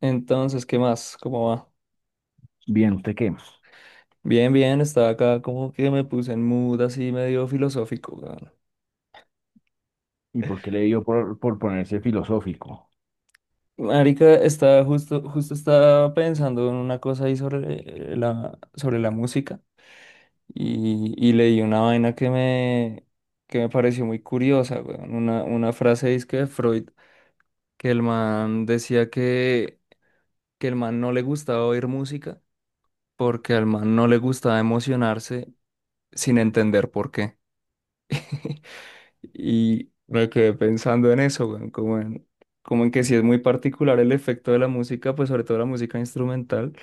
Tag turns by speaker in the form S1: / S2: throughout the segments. S1: Entonces, ¿qué más? ¿Cómo va?
S2: Bien, ¿usted qué?
S1: Bien, bien, estaba acá como que me puse en mood así medio filosófico, weón.
S2: ¿Y por qué le dio por, ponerse filosófico?
S1: Marica, justo estaba pensando en una cosa ahí sobre sobre la música y leí una vaina que me pareció muy curiosa, weón. Una frase disque de Freud, que el man decía que el man no le gustaba oír música porque al man no le gustaba emocionarse sin entender por qué. Y me quedé pensando en eso, weón, como en, como en que sí es muy particular el efecto de la música, pues sobre todo la música instrumental,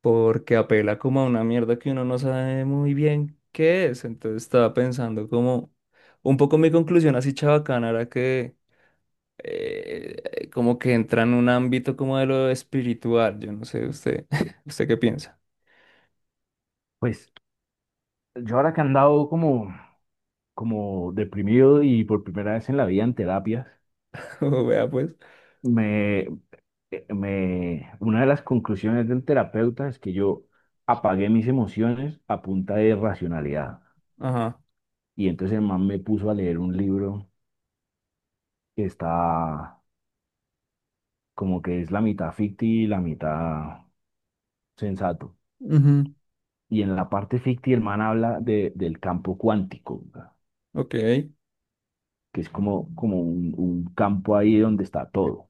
S1: porque apela como a una mierda que uno no sabe muy bien qué es. Entonces estaba pensando como un poco mi conclusión así chabacana era que como que entra en un ámbito como de lo espiritual. Yo no sé, usted, ¿usted qué piensa?
S2: Pues yo ahora que he andado como, como deprimido y por primera vez en la vida en terapias,
S1: Vea pues.
S2: me, una de las conclusiones del terapeuta es que yo apagué mis emociones a punta de racionalidad.
S1: Ajá.
S2: Y entonces el man me puso a leer un libro que está como que es la mitad ficti y la mitad sensato.
S1: Ujú.
S2: Y en la parte ficti el man habla del campo cuántico, ¿verdad?
S1: Ok.
S2: Que es como, como un campo ahí donde está todo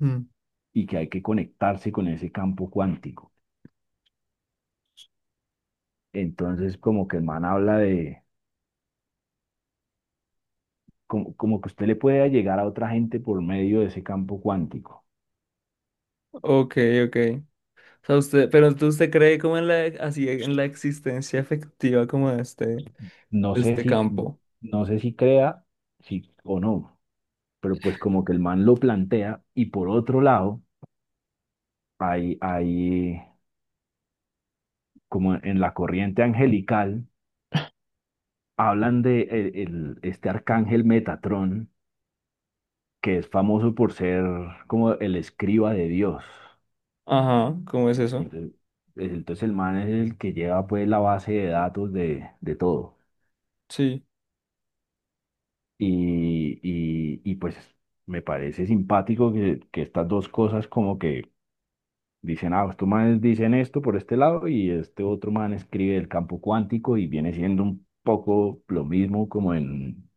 S1: Mm.
S2: y que hay que conectarse con ese campo cuántico. Entonces, como que el man habla de, como, como que usted le puede llegar a otra gente por medio de ese campo cuántico.
S1: Ok, ok. O sea, usted, pero entonces usted cree como en la, así, en la existencia efectiva como de
S2: No sé
S1: este
S2: si,
S1: campo.
S2: no sé si crea, si o no, pero pues como que el man lo plantea y por otro lado, hay como en la corriente angelical, hablan de este arcángel Metatrón, que es famoso por ser como el escriba de Dios.
S1: Ajá, ¿cómo es
S2: Y
S1: eso?
S2: entonces, entonces el man es el que lleva pues la base de datos de todo.
S1: Sí.
S2: Y pues me parece simpático que estas dos cosas como que dicen, ah, estos manes dicen esto por este lado y este otro man escribe el campo cuántico y viene siendo un poco lo mismo como en,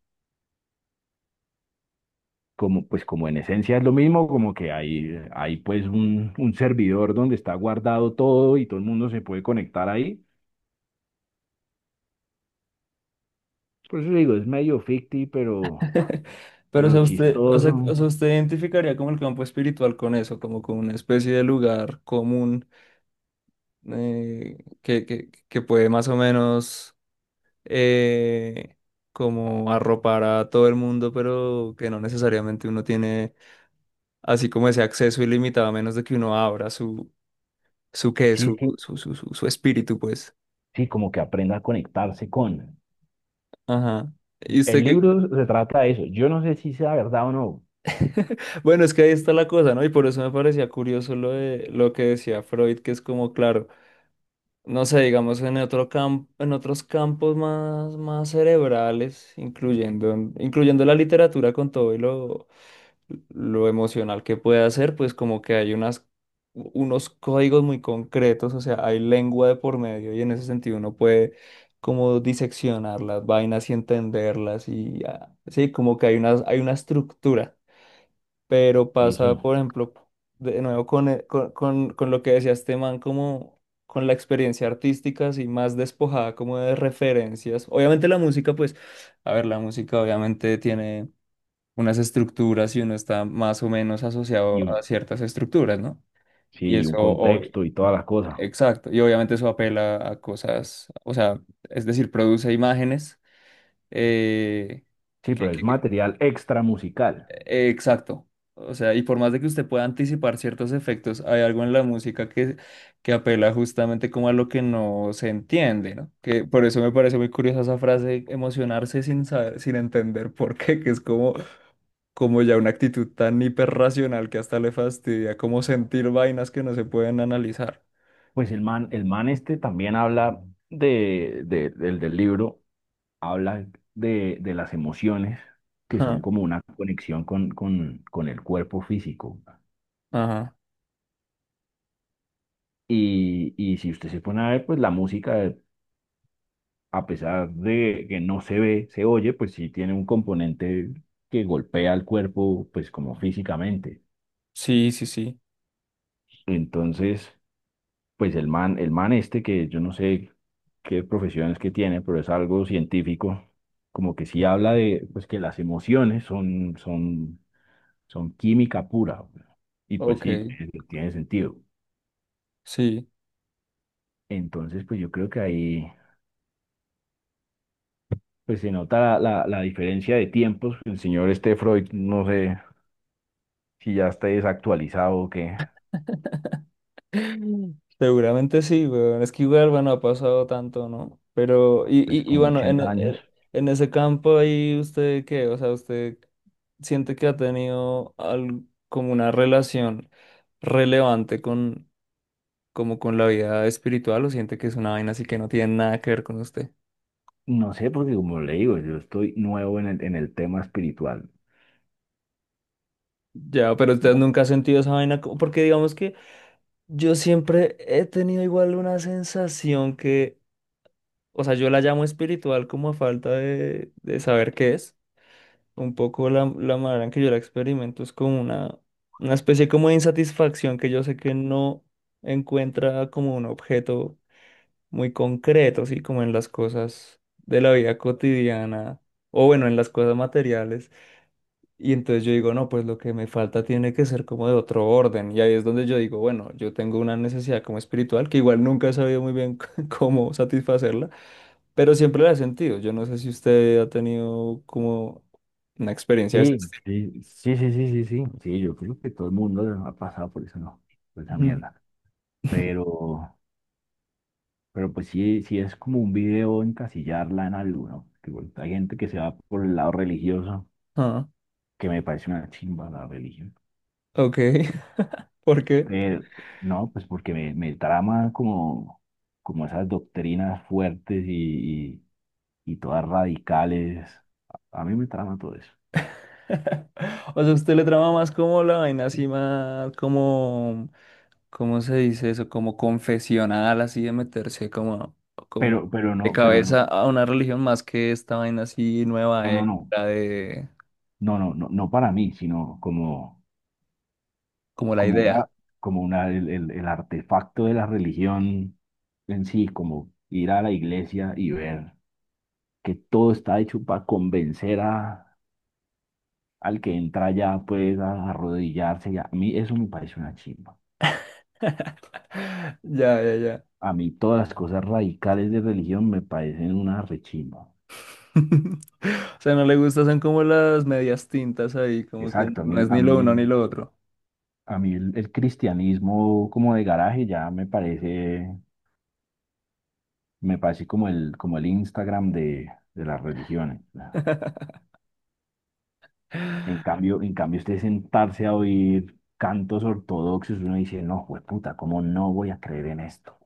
S2: como, pues como en esencia es lo mismo, como que hay, hay pues un servidor donde está guardado todo y todo el mundo se puede conectar ahí. Por eso digo, es medio ficti,
S1: Pero
S2: pero
S1: o
S2: chistoso.
S1: sea, usted identificaría como el campo espiritual con eso, como con una especie de lugar común que puede más o menos eh, como arropar a todo el mundo, pero que no necesariamente uno tiene así como ese acceso ilimitado, a menos de que uno abra su, su qué,
S2: Sí, sí,
S1: su espíritu, pues.
S2: sí, como que aprenda a conectarse con.
S1: Ajá. Y usted
S2: El
S1: que...
S2: libro se trata de eso. Yo no sé si sea verdad o no.
S1: Bueno, es que ahí está la cosa, ¿no? Y por eso me parecía curioso lo de lo que decía Freud, que es como, claro, no sé, digamos, en otro campo, en otros campos más, más cerebrales, incluyendo la literatura con todo y lo emocional que puede hacer, pues como que hay unas, unos códigos muy concretos, o sea, hay lengua de por medio y en ese sentido uno puede como diseccionar las vainas y entenderlas y ah, sí, como que hay unas, hay una estructura, pero
S2: Sí,
S1: pasa,
S2: sí.
S1: por ejemplo, de nuevo con lo que decía este man, como con la experiencia artística, así más despojada como de referencias. Obviamente la música, pues, a ver, la música obviamente tiene unas estructuras y uno está más o menos
S2: Y
S1: asociado a
S2: un,
S1: ciertas estructuras, ¿no? Y
S2: sí, y un
S1: eso,
S2: contexto y todas las cosas.
S1: exacto, y obviamente eso apela a cosas, o sea, es decir, produce imágenes, eh,
S2: Sí,
S1: que-
S2: pero es
S1: que- que-
S2: material extra musical.
S1: exacto, o sea, y por más de que usted pueda anticipar ciertos efectos, hay algo en la música que apela justamente como a lo que no se entiende, ¿no? Que por eso me parece muy curiosa esa frase, emocionarse sin saber, sin entender por qué, que es como... como ya una actitud tan hiperracional que hasta le fastidia como sentir vainas que no se pueden analizar.
S2: Pues el man este también habla de, del libro, habla de las emociones, que son
S1: Ajá,
S2: como una conexión con el cuerpo físico.
S1: ajá.
S2: Y si usted se pone a ver, pues la música, a pesar de que no se ve, se oye, pues sí tiene un componente que golpea al cuerpo, pues como físicamente.
S1: Sí, sí, sí.
S2: Entonces, pues el man este, que yo no sé qué profesiones que tiene, pero es algo científico, como que sí habla de, pues que las emociones son, son son química pura. Y pues
S1: Ok,
S2: sí, tiene, tiene sentido.
S1: sí.
S2: Entonces, pues yo creo que ahí pues se nota la, la, la diferencia de tiempos. El señor este Freud, no sé si ya está desactualizado o qué,
S1: Seguramente sí, weón. Es que igual, bueno, ha pasado tanto, ¿no? Pero, y,
S2: pues
S1: y, y
S2: como
S1: bueno,
S2: 80 años.
S1: en ese campo ahí, ¿usted qué? O sea, ¿usted siente que ha tenido como una relación relevante con, como con la vida espiritual o siente que es una vaina así que no tiene nada que ver con usted?
S2: No sé, porque como le digo, yo estoy nuevo en el tema espiritual.
S1: Ya, pero usted nunca ha sentido esa vaina, porque digamos que yo siempre he tenido igual una sensación que, o sea, yo la llamo espiritual como a falta de saber qué es. Un poco la manera en que yo la experimento es como una especie como de insatisfacción que yo sé que no encuentra como un objeto muy concreto, así como en las cosas de la vida cotidiana, o bueno, en las cosas materiales y entonces yo digo, no, pues lo que me falta tiene que ser como de otro orden. Y ahí es donde yo digo, bueno, yo tengo una necesidad como espiritual, que igual nunca he sabido muy bien cómo satisfacerla, pero siempre la he sentido. Yo no sé si usted ha tenido como una experiencia de ese
S2: Sí,
S1: estilo.
S2: sí, sí, sí, sí, sí, sí. Sí, yo creo que todo el mundo ha pasado por eso, no, por esa
S1: Ujú.
S2: mierda. Pero, Pero pues sí, sí es como un video encasillarla en algo, ¿no? Que bueno, hay gente que se va por el lado religioso,
S1: Ah,
S2: que me parece una chimba la religión.
S1: ok. ¿Por qué?
S2: Pero no, pues porque me trama como, como esas doctrinas fuertes y todas radicales. A mí me trama todo eso.
S1: O sea, usted le trama más como la vaina así más como ¿cómo se dice eso? Como confesional, así de meterse como, como de
S2: Pero no,
S1: cabeza a una religión más que esta vaina así nueva,
S2: no, no, no,
S1: la de
S2: no, no, no, no para mí, sino como,
S1: como la
S2: como
S1: idea.
S2: una, como una, el artefacto de la religión en sí, como ir a la iglesia y ver. Que todo está hecho para convencer a, al que entra ya pues a arrodillarse. Y a mí eso me parece una chimba.
S1: Ya, ya, ya.
S2: A mí todas las cosas radicales de religión me parecen una rechimba.
S1: O sea, no le gusta, son como las medias tintas ahí, como que
S2: Exacto,
S1: no es
S2: a
S1: ni lo
S2: mí
S1: uno ni
S2: el,
S1: lo otro.
S2: a mí el cristianismo como de garaje ya me parece como el Instagram de las religiones. En cambio, usted sentarse a oír cantos ortodoxos, uno dice, no, pues puta, ¿cómo no voy a creer en esto?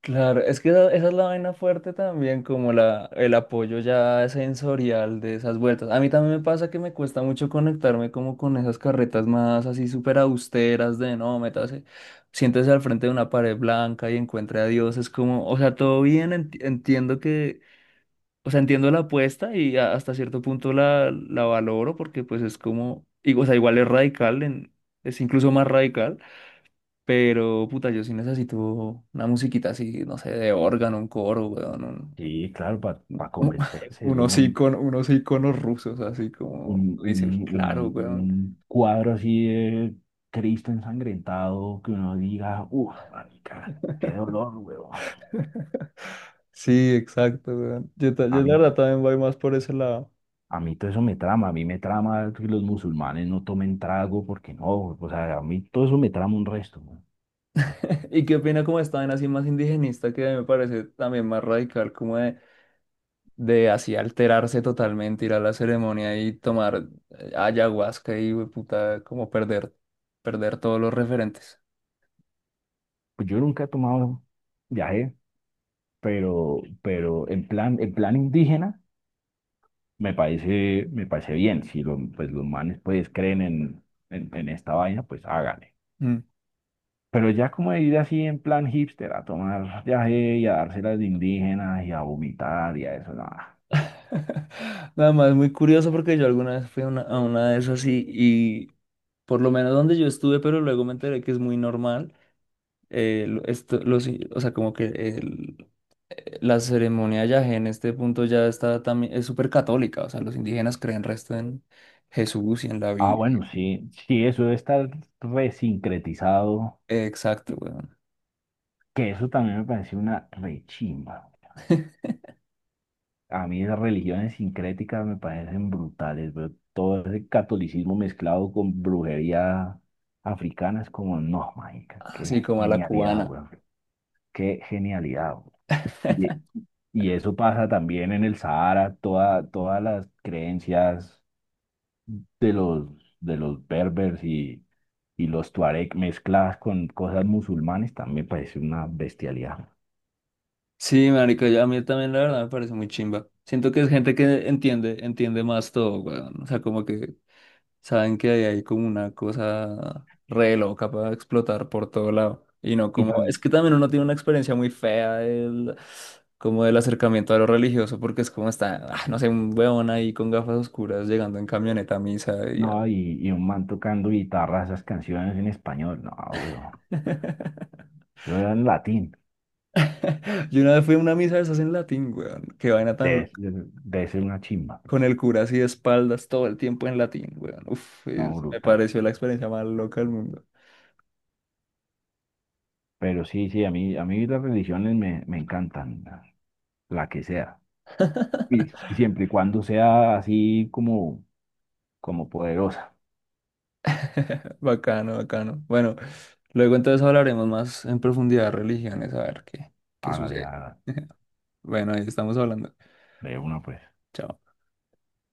S1: Claro, es que esa es la vaina fuerte también, como la, el apoyo ya sensorial de esas vueltas. A mí también me pasa que me cuesta mucho conectarme como con esas carretas más así súper austeras de no, métase, siéntese al frente de una pared blanca y encuentre a Dios. Es como, o sea, todo bien, entiendo que, o sea, entiendo la apuesta y hasta cierto punto la valoro porque pues es como, y, o sea, igual es radical, es incluso más radical. Pero, puta, yo sí necesito una musiquita así, no sé, de órgano, un coro, weón,
S2: Sí, claro, para
S1: un-
S2: convencerse, weón.
S1: unos iconos rusos, así como dice, "Uy, claro, weón.
S2: Un cuadro así de Cristo ensangrentado que uno diga, uff, marica, qué dolor, weón.
S1: Sí, exacto, weón. Yo,
S2: A
S1: yo la
S2: mí,
S1: verdad también voy más por ese lado.
S2: a mí todo eso me trama, a mí me trama que los musulmanes no tomen trago porque no, o sea, a mí todo eso me trama un resto, weón.
S1: Y qué opina como estaban así más indigenista, que me parece también más radical, como de así alterarse totalmente, ir a la ceremonia y tomar ayahuasca y, weón, puta, como perder, perder todos los referentes.
S2: Pues yo nunca he tomado viaje, pero en plan indígena me parece bien. Si los, pues los manes pues creen en esta vaina, pues háganle. Pero ya como de ir así en plan hipster, a tomar viaje y a dárselas de indígenas y a vomitar y a eso, nada.
S1: Nada más, muy curioso porque yo alguna vez fui a una de esas y por lo menos donde yo estuve, pero luego me enteré que es muy normal. O sea, como que la ceremonia yagé en este punto ya está también, es súper católica. O sea, los indígenas creen resto en Jesús y en la
S2: Ah,
S1: Biblia.
S2: bueno, sí, sí, eso de estar resincretizado,
S1: Exacto, weón.
S2: que eso también me parece una rechimba. A mí esas religiones sincréticas me parecen brutales, pero todo ese catolicismo mezclado con brujería africana es como, no, mágica,
S1: Así
S2: qué
S1: como a la
S2: genialidad,
S1: cubana.
S2: weón, qué genialidad, weón. Y eso pasa también en el Sahara, toda, todas las creencias de los, de los berbers y los tuareg mezcladas con cosas musulmanes también parece una bestialidad.
S1: Sí, marica, a mí también la verdad me parece muy chimba. Siento que es gente que entiende, entiende más todo, weón. O sea, como que saben que ahí hay como una cosa re loca para explotar por todo lado. Y no
S2: Y
S1: como, es
S2: también,
S1: que también uno tiene una experiencia muy fea del, como del acercamiento a lo religioso, porque es como está, ah, no sé, un weón ahí con gafas oscuras llegando en camioneta a misa. Y, ah.
S2: no, y un man tocando guitarra, esas canciones en español, no, weón, eso era en latín,
S1: Yo una vez fui a una misa de esas en latín, weón. Qué vaina tan loca.
S2: debe ser una chimba,
S1: Con el cura así de espaldas todo el tiempo en latín, weón. Uf,
S2: no,
S1: me
S2: brutal.
S1: pareció la experiencia más loca del mundo.
S2: Pero sí, sí, a mí las religiones me, me encantan, la que sea. Y siempre y cuando sea así como como poderosa.
S1: Bacano, bacano. Bueno, luego entonces hablaremos más en profundidad de religiones, a ver qué, qué
S2: Hágale,
S1: sucede.
S2: hágale.
S1: Bueno, ahí estamos hablando.
S2: De una, pues.
S1: Chao.